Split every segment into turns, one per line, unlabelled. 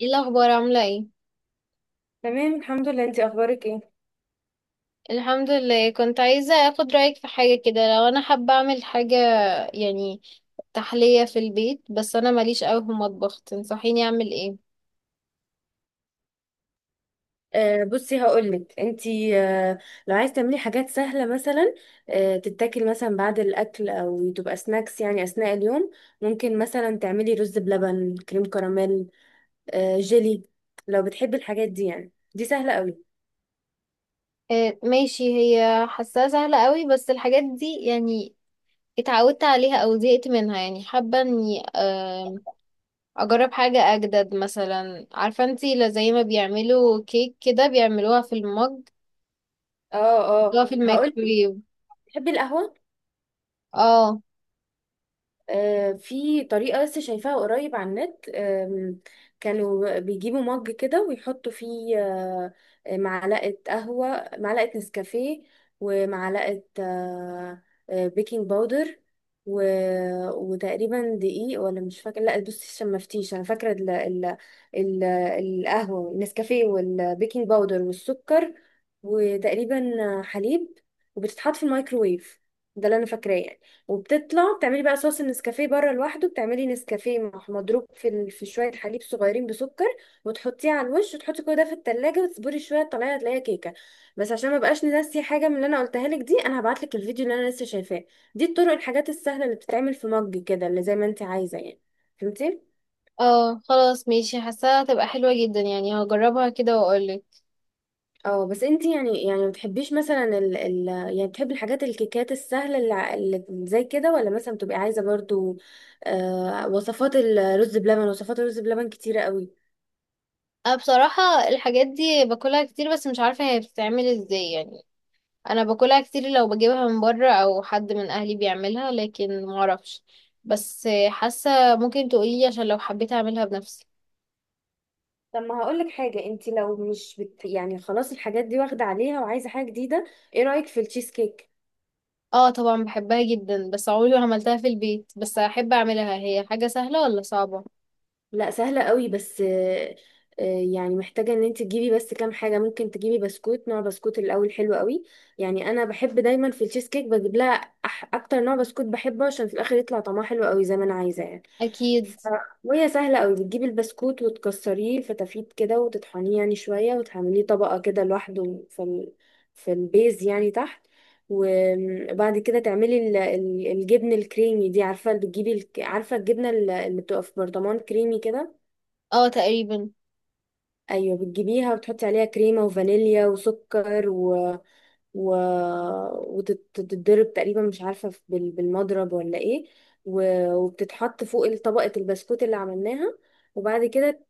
ايه الاخبار؟ عامله ايه؟
تمام، الحمد لله. انتي اخبارك ايه؟
الحمد لله. كنت عايزه اخد رايك في حاجه كده، لو انا حابه اعمل حاجه يعني تحليه في البيت، بس انا ماليش قوي في المطبخ، تنصحيني اعمل ايه؟
بصي هقولك انتي. لو عايز تعملي حاجات سهله مثلا، تتاكل مثلا بعد الاكل او تبقى سناكس يعني اثناء اليوم. ممكن مثلا تعملي رز بلبن، كريم كراميل، جيلي. لو بتحبي الحاجات دي، يعني دي سهله قوي.
آه ماشي، هي حاساها سهله قوي، بس الحاجات دي يعني اتعودت عليها او زهقت منها، يعني حابه اني اجرب حاجه اجدد. مثلا عارفه انتي، لا، زي ما بيعملوا كيك كده بيعملوها في المج،
اه، اه.
بيعملوها في
هقولك،
الميكرويف.
بتحبي القهوه؟
اه
في طريقة لسه شايفاها قريب على النت. كانوا بيجيبوا مج كده ويحطوا فيه معلقة قهوة، معلقة نسكافيه، ومعلقة بيكنج باودر و... وتقريبا دقيق، ولا مش فاكرة. لا بصي، عشان ما افتيش انا فاكرة القهوة، النسكافيه، والبيكنج باودر، والسكر، وتقريبا حليب، وبتتحط في الميكروويف. ده اللي انا فاكراه يعني. وبتطلع، بتعملي بقى صوص النسكافيه بره لوحده، بتعملي نسكافيه مضروب في في شويه حليب صغيرين بسكر، وتحطيه على الوش، وتحطي كل ده في التلاجة، وتصبري شويه، تطلعي هتلاقيها كيكه. بس عشان ما بقاش ناسي حاجه من اللي انا قلتها لك دي، انا هبعت لك الفيديو اللي انا لسه شايفاه. دي الطرق، الحاجات السهله اللي بتتعمل في مج كده، اللي زي ما انت عايزه يعني. فهمتي؟
اه، خلاص ماشي، حاساها هتبقى حلوة جدا، يعني هجربها كده واقولك.
اه. بس انت يعني ما بتحبيش مثلا ال يعني، بتحبي الحاجات، الكيكات السهله اللي، اللي زي كده، ولا مثلا بتبقي عايزه برضو؟ وصفات الرز بلبن، وصفات الرز بلبن كتيره قوي.
انا بصراحة الحاجات دي باكلها كتير، بس مش عارفة هي بتتعمل ازاي يعني. انا باكلها كتير لو بجيبها من بره او حد من اهلي بيعملها، لكن معرفش. بس حاسة ممكن تقولي، عشان لو حبيت اعملها بنفسي.
طب، ما هقولك حاجه، انت لو مش يعني خلاص الحاجات دي واخده عليها وعايزه حاجه جديده، ايه رايك في التشيز كيك؟
اه طبعا بحبها جدا، بس عمري ما عملتها في البيت، بس احب اعملها. هي حاجة سهلة ولا صعبة؟
لا، سهلة قوي بس. آه، يعني محتاجة ان انت تجيبي بس كام حاجة. ممكن تجيبي بسكوت، نوع بسكوت الاول حلو قوي. يعني انا بحب دايما في التشيز كيك بجيب لها اكتر نوع بسكوت بحبه، عشان في الاخر يطلع طعمها حلو قوي زي ما انا عايزة يعني.
اكيد.
ف- وهي سهلة قوي. بتجيبي البسكوت، وتكسريه فتافيت كده، وتطحنيه يعني شوية، وتعمليه طبقة كده لوحده في البيز يعني تحت. وبعد كده تعملي الجبن الكريمي دي. عارفة بتجيبي عارفة الجبنة اللي بتبقى في برطمان كريمي كده؟
اه تقريبا.
ايوه، بتجيبيها وتحطي عليها كريمه وفانيليا وسكر و... و... وتتضرب تقريبا، مش عارفه في- بال... بالمضرب ولا ايه، و... وبتتحط فوق طبقه البسكوت اللي عملناها. وبعد كده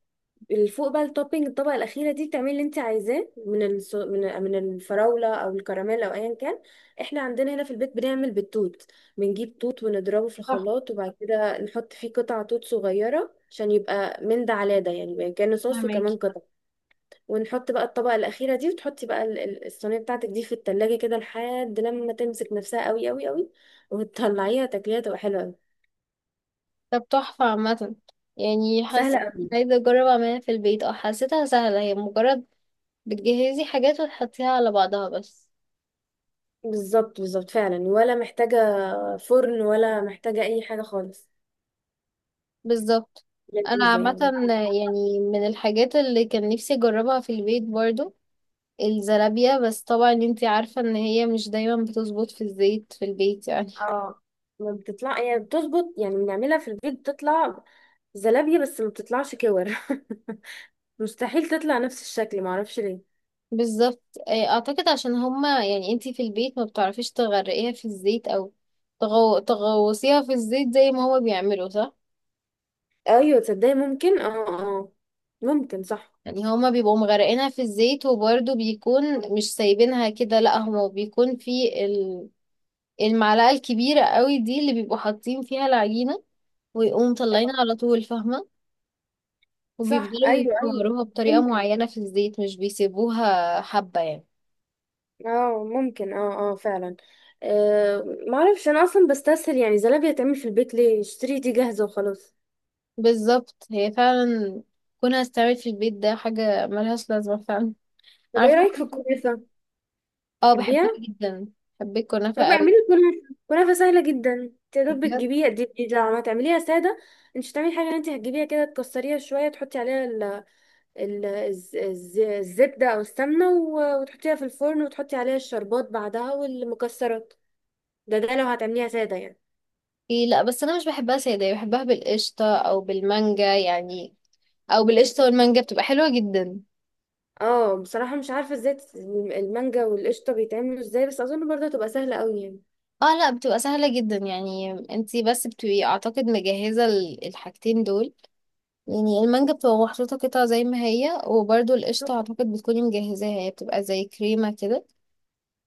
فوق بقى التوبينج، الطبقه الاخيره دي، بتعملي اللي انت عايزاه من الس... من من الفراوله او الكراميل او ايا كان. احنا عندنا هنا في البيت بنعمل بالتوت. بنجيب توت ونضربه في
صح،
الخلاط، وبعد كده نحط فيه قطع توت صغيره عشان يبقى من ده على ده، يعني كأنه صوص
فهمك.
وكمان قطع. ونحط بقى الطبقة الأخيرة دي، وتحطي بقى الصينية بتاعتك دي في التلاجة كده لحد لما تمسك نفسها قوي قوي قوي، وتطلعيها تاكليها تبقى حلوة قوي.
طب تحفة عامة. يعني
سهلة
حاسة إني
قوي.
عايزة أجرب أعملها في البيت، اه حسيتها سهلة، هي مجرد بتجهزي حاجات وتحطيها على بعضها بس.
بالظبط، بالظبط، فعلا. ولا محتاجة فرن، ولا محتاجة أي حاجة خالص.
بالظبط. أنا
لذيذة
عامة
يعني.
يعني من الحاجات اللي كان نفسي أجربها في البيت برضو الزلابية، بس طبعا انتي عارفة إن هي مش دايما بتظبط في الزيت في البيت يعني.
اه. ما بتطلع يعني، بتظبط يعني، بنعملها في البيت بتطلع زلابية، بس ما بتطلعش كور. مستحيل تطلع نفس الشكل، معرفش ليه.
بالظبط. أعتقد عشان هما، يعني انتي في البيت ما بتعرفيش تغرقيها في الزيت، أو تغوصيها في الزيت زي ما هما بيعملوا، صح؟
ايوه، تصدقي ممكن، اه، اه، ممكن صح.
يعني هما بيبقوا مغرقينها في الزيت، وبرده بيكون مش سايبينها كده، لا، هما بيكون في المعلقة الكبيرة قوي دي اللي بيبقوا حاطين فيها العجينة، ويقوموا
آه.
مطلعينها على طول، فاهمة؟
صح،
وبيفضلوا
ايوه، ايوه،
يكوروها بطريقة
ممكن.
معينة في الزيت، مش بيسيبوها حبة يعني.
اه ممكن، اه، اه، فعلا. معرفش. انا اصلا بستسهل يعني، زلابية تعمل في البيت ليه؟ اشتري دي جاهزة وخلاص.
بالظبط، هي فعلا كونها استعمل في البيت ده حاجة ملهاش لازمة فعلا.
طب ايه
عارفة
رأيك في
برضه.
الكنافة؟
اه
تحبيها؟
بحبها جدا. بحب الكنافة
طب
قوي.
اعملي كنافة. كنافة سهلة جدا، تقدر
بجد؟
تجيبيها. دي لو ما تعمليها سادة، انت مش هتعملي حاجة. انت هتجيبيها كده، تكسريها شوية، تحطي عليها الزبدة او السمنة، و... وتحطيها في الفرن، وتحطي عليها الشربات بعدها والمكسرات. ده لو هتعمليها سادة يعني.
ايه لا، بس انا مش بحبها ساده، بحبها بالقشطه او بالمانجا يعني، او بالقشطه والمانجا بتبقى حلوه جدا.
اه بصراحة، مش عارفة ازاي المانجا والقشطة بيتعملوا ازاي، بس اظن برضه هتبقى سهلة قوي يعني.
اه لا، بتبقى سهله جدا، يعني انتي بس بتبقي اعتقد مجهزه الحاجتين دول. يعني المانجا بتبقى محطوطه قطع زي ما هي، وبرده القشطه اعتقد بتكوني مجهزاها، هي بتبقى زي كريمه كده.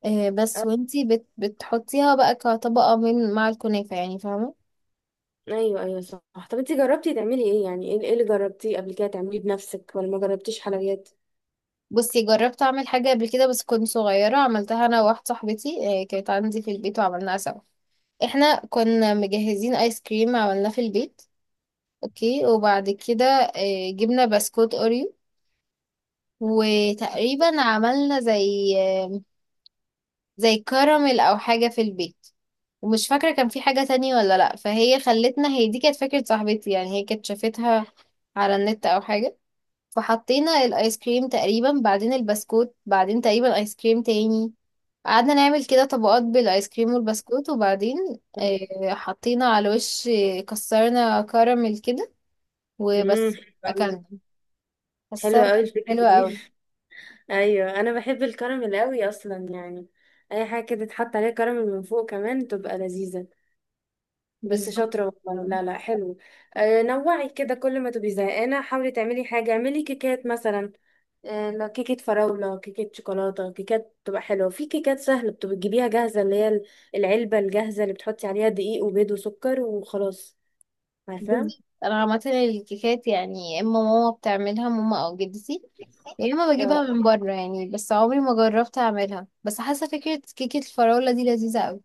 بس
آه،
وانتي بتحطيها بقى كطبقه من مع الكنافه، يعني فاهمه؟
ايوه، ايوه، صح. طب انتي جربتي تعملي ايه يعني؟ ايه اللي جربتيه قبل كده تعمليه بنفسك، ولا ما جربتيش حلويات؟
بصي، جربت اعمل حاجه قبل كده بس كنت صغيره، عملتها انا وواحده صاحبتي، كانت عندي في البيت وعملناها سوا. احنا كنا مجهزين ايس كريم عملناه في البيت. اوكي، وبعد كده جبنا بسكوت اوريو، وتقريبا عملنا زي زي كراميل او حاجة في البيت. ومش فاكرة كان في حاجة تانية ولا لا. فهي خلتنا، هي دي كانت فكرة صاحبتي يعني، هي كانت شافتها على النت او حاجة. فحطينا الايس كريم تقريبا، بعدين البسكوت، بعدين تقريبا ايس كريم تاني. قعدنا نعمل كده طبقات بالايس كريم والبسكوت، وبعدين حطينا على وش، كسرنا كراميل كده
امم.
وبس. اكلنا، حاساها
حلوة قوي
كانت
الفكرة
حلوة أوي.
دي. ايوه، انا بحب الكراميل قوي اصلا يعني. اي حاجة كده تتحط عليها كراميل من فوق كمان، تبقى لذيذة. بس
بالظبط،
شاطرة والله. لا لا، حلو. نوعي كده. كل ما تبقي زهقانة حاولي تعملي حاجة، اعملي كيكات مثلا. كيكة فراولة، كيكة شوكولاتة، كيكات بتبقى حلوة. في كيكات سهلة بتبقى تجيبيها جاهزة، اللي هي العلبة الجاهزة، اللي بتحطي عليها دقيق وبيض وسكر وخلاص. عارفة؟
بالظبط، أنا عامة الكيكات يعني يا إما ماما بتعملها، ماما أو جدتي، يا إما بجيبها
اه،
من بره يعني، بس عمري ما جربت أعملها، بس حاسة فكرة كيكة الفراولة دي لذيذة أوي.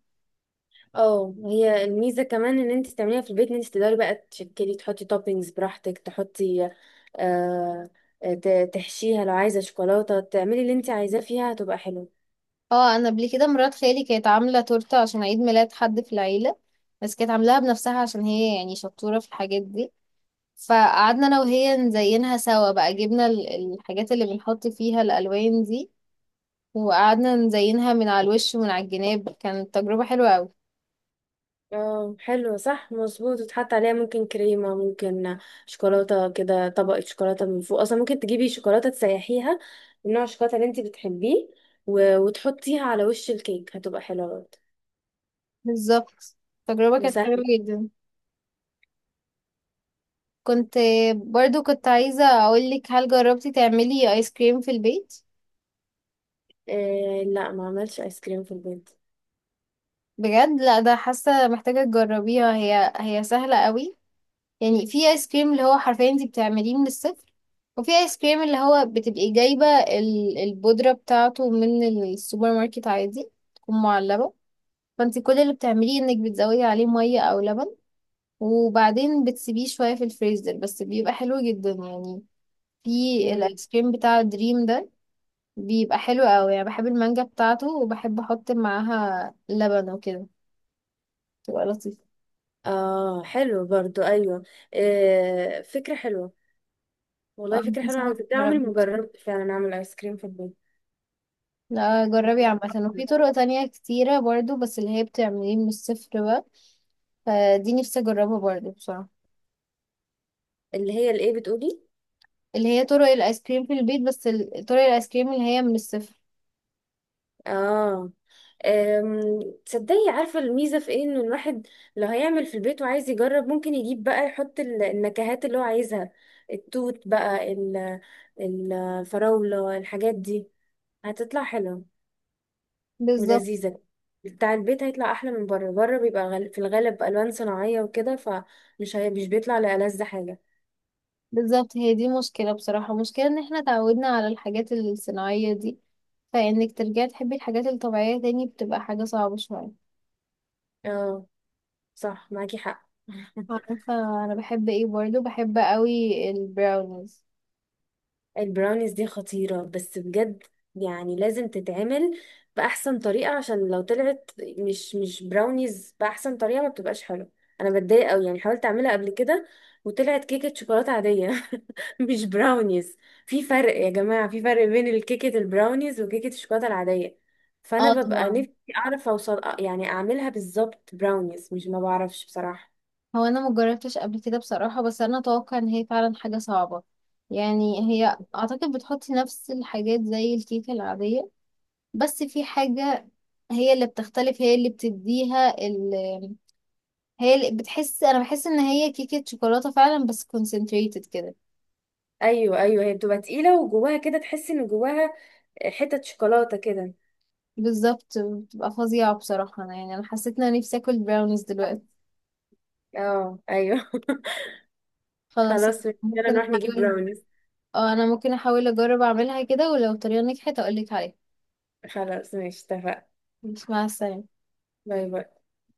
اه. هي الميزة كمان ان انت تعمليها في البيت، ان انت تقدري بقى تشكلي، تحطي توبينجز براحتك، تحطي آه تحشيها لو عايزة شوكولاتة، تعملي اللي انت عايزاه فيها، هتبقى حلوة.
اه أنا قبل كده مرات خالي كانت عاملة تورتة عشان عيد ميلاد حد في العيلة، بس كانت عاملاها بنفسها عشان هي يعني شطورة في الحاجات دي. فقعدنا أنا وهي نزينها سوا بقى، جبنا الحاجات اللي بنحط فيها الألوان دي، وقعدنا نزينها من على الوش ومن على الجناب. كانت تجربة حلوة أوي.
اه، حلو، صح، مظبوط. وتحط عليها ممكن كريمة، ممكن شوكولاتة كده، طبقة شوكولاتة من فوق. اصلا ممكن تجيبي شوكولاتة، تسيحيها من نوع الشوكولاتة اللي انت بتحبيه، و... وتحطيها على وش الكيك، هتبقى حلوة برضه.
بالظبط، التجربة كانت حلوة
وسهل.
جدا. كنت برضو كنت عايزة أقولك، هل جربتي تعملي آيس كريم في البيت؟
لا، ما عملش ايس كريم في البيت.
بجد؟ لا ده حاسة محتاجة تجربيها، هي سهلة أوي. يعني في آيس كريم اللي هو حرفيا انتي بتعمليه من الصفر، وفي آيس كريم اللي هو بتبقي جايبة البودرة بتاعته من السوبر ماركت عادي، تكون معلبة، فانتي كل اللي بتعمليه انك بتزودي عليه مية أو لبن، وبعدين بتسيبيه شوية في الفريزر، بس بيبقى حلو جدا يعني. في
مم.
الايس كريم بتاع دريم ده بيبقى حلو قوي يعني، بحب المانجا بتاعته، وبحب احط معاها لبن وكده، تبقى لطيفة.
اه، حلو برضو، ايوه. فكرة حلوة.
اه
والله فكرة حلوة، انا
انصحك
كنت عمري
تجربي.
ما جربت فعلا اعمل ايس كريم في البيت.
لا جربي عامة، وفي طرق تانية كتيرة برضو، بس اللي هي بتعمليه من الصفر بقى، فدي نفسي اجربها برضو بصراحة.
اللي هي الايه بتقولي؟
اللي هي طرق الايس كريم في البيت، بس طرق الايس كريم اللي هي من الصفر.
اه. أم، تصدقي، عارفة الميزة في ايه؟ انه الواحد لو هيعمل في البيت وعايز يجرب، ممكن يجيب بقى، يحط النكهات اللي هو عايزها، التوت بقى، الفراولة، الحاجات دي هتطلع حلوة
بالظبط،
ولذيذة. بتاع البيت هيطلع احلى من بره. بره بيبقى في الغالب الوان صناعية وكده، فمش هي مش بيطلع لألذ حاجة.
بالظبط، هي دي مشكلة بصراحة، مشكلة ان احنا تعودنا على الحاجات الصناعية دي، فانك ترجعي تحبي الحاجات الطبيعية تاني بتبقى حاجة صعبة شوية.
اه، صح، معاكي حق.
عارفة، انا بحب ايه برضو، بحب قوي البراونيز.
البراونيز دي خطيرة بس، بجد. يعني لازم تتعمل بأحسن طريقة، عشان لو طلعت مش، براونيز بأحسن طريقة، ما بتبقاش حلوة. أنا بتضايق أوي يعني. حاولت أعملها قبل كده وطلعت كيكة شوكولاتة عادية. مش براونيز. في فرق يا جماعة، في فرق بين الكيكة البراونيز وكيكة الشوكولاتة العادية.
اه
فأنا ببقى
طبعا.
نفسي أعرف أوصل يعني، أعملها بالظبط براونيز، مش، ما بعرفش بصراحة.
هو انا مجربتش قبل كده بصراحة، بس انا اتوقع ان هي فعلا حاجة صعبة. يعني هي اعتقد بتحطي نفس الحاجات زي الكيكة العادية، بس في حاجة هي اللي بتختلف، هي اللي بتديها، هي اللي بتحس، انا بحس ان هي كيكة شوكولاتة فعلا بس concentrated كده.
أيوة، أيوة. هي بتبقى تقيلة، وجواها كده تحس إن جواها حتت شوكولاتة كده.
بالظبط، بتبقى فظيعة بصراحة. يعني انا حسيت ان انا نفسي اكل براونيز دلوقتي.
اه، ايوه.
خلاص، أنا
خلاص، ماشي، يلا
ممكن
نروح نجيب
احاول.
براونيز.
اه، انا ممكن احاول اجرب اعملها كده، ولو الطريقة نجحت اقولك عليها.
خلاص، ماشي، اتفقنا.
مع السلامة.
باي باي.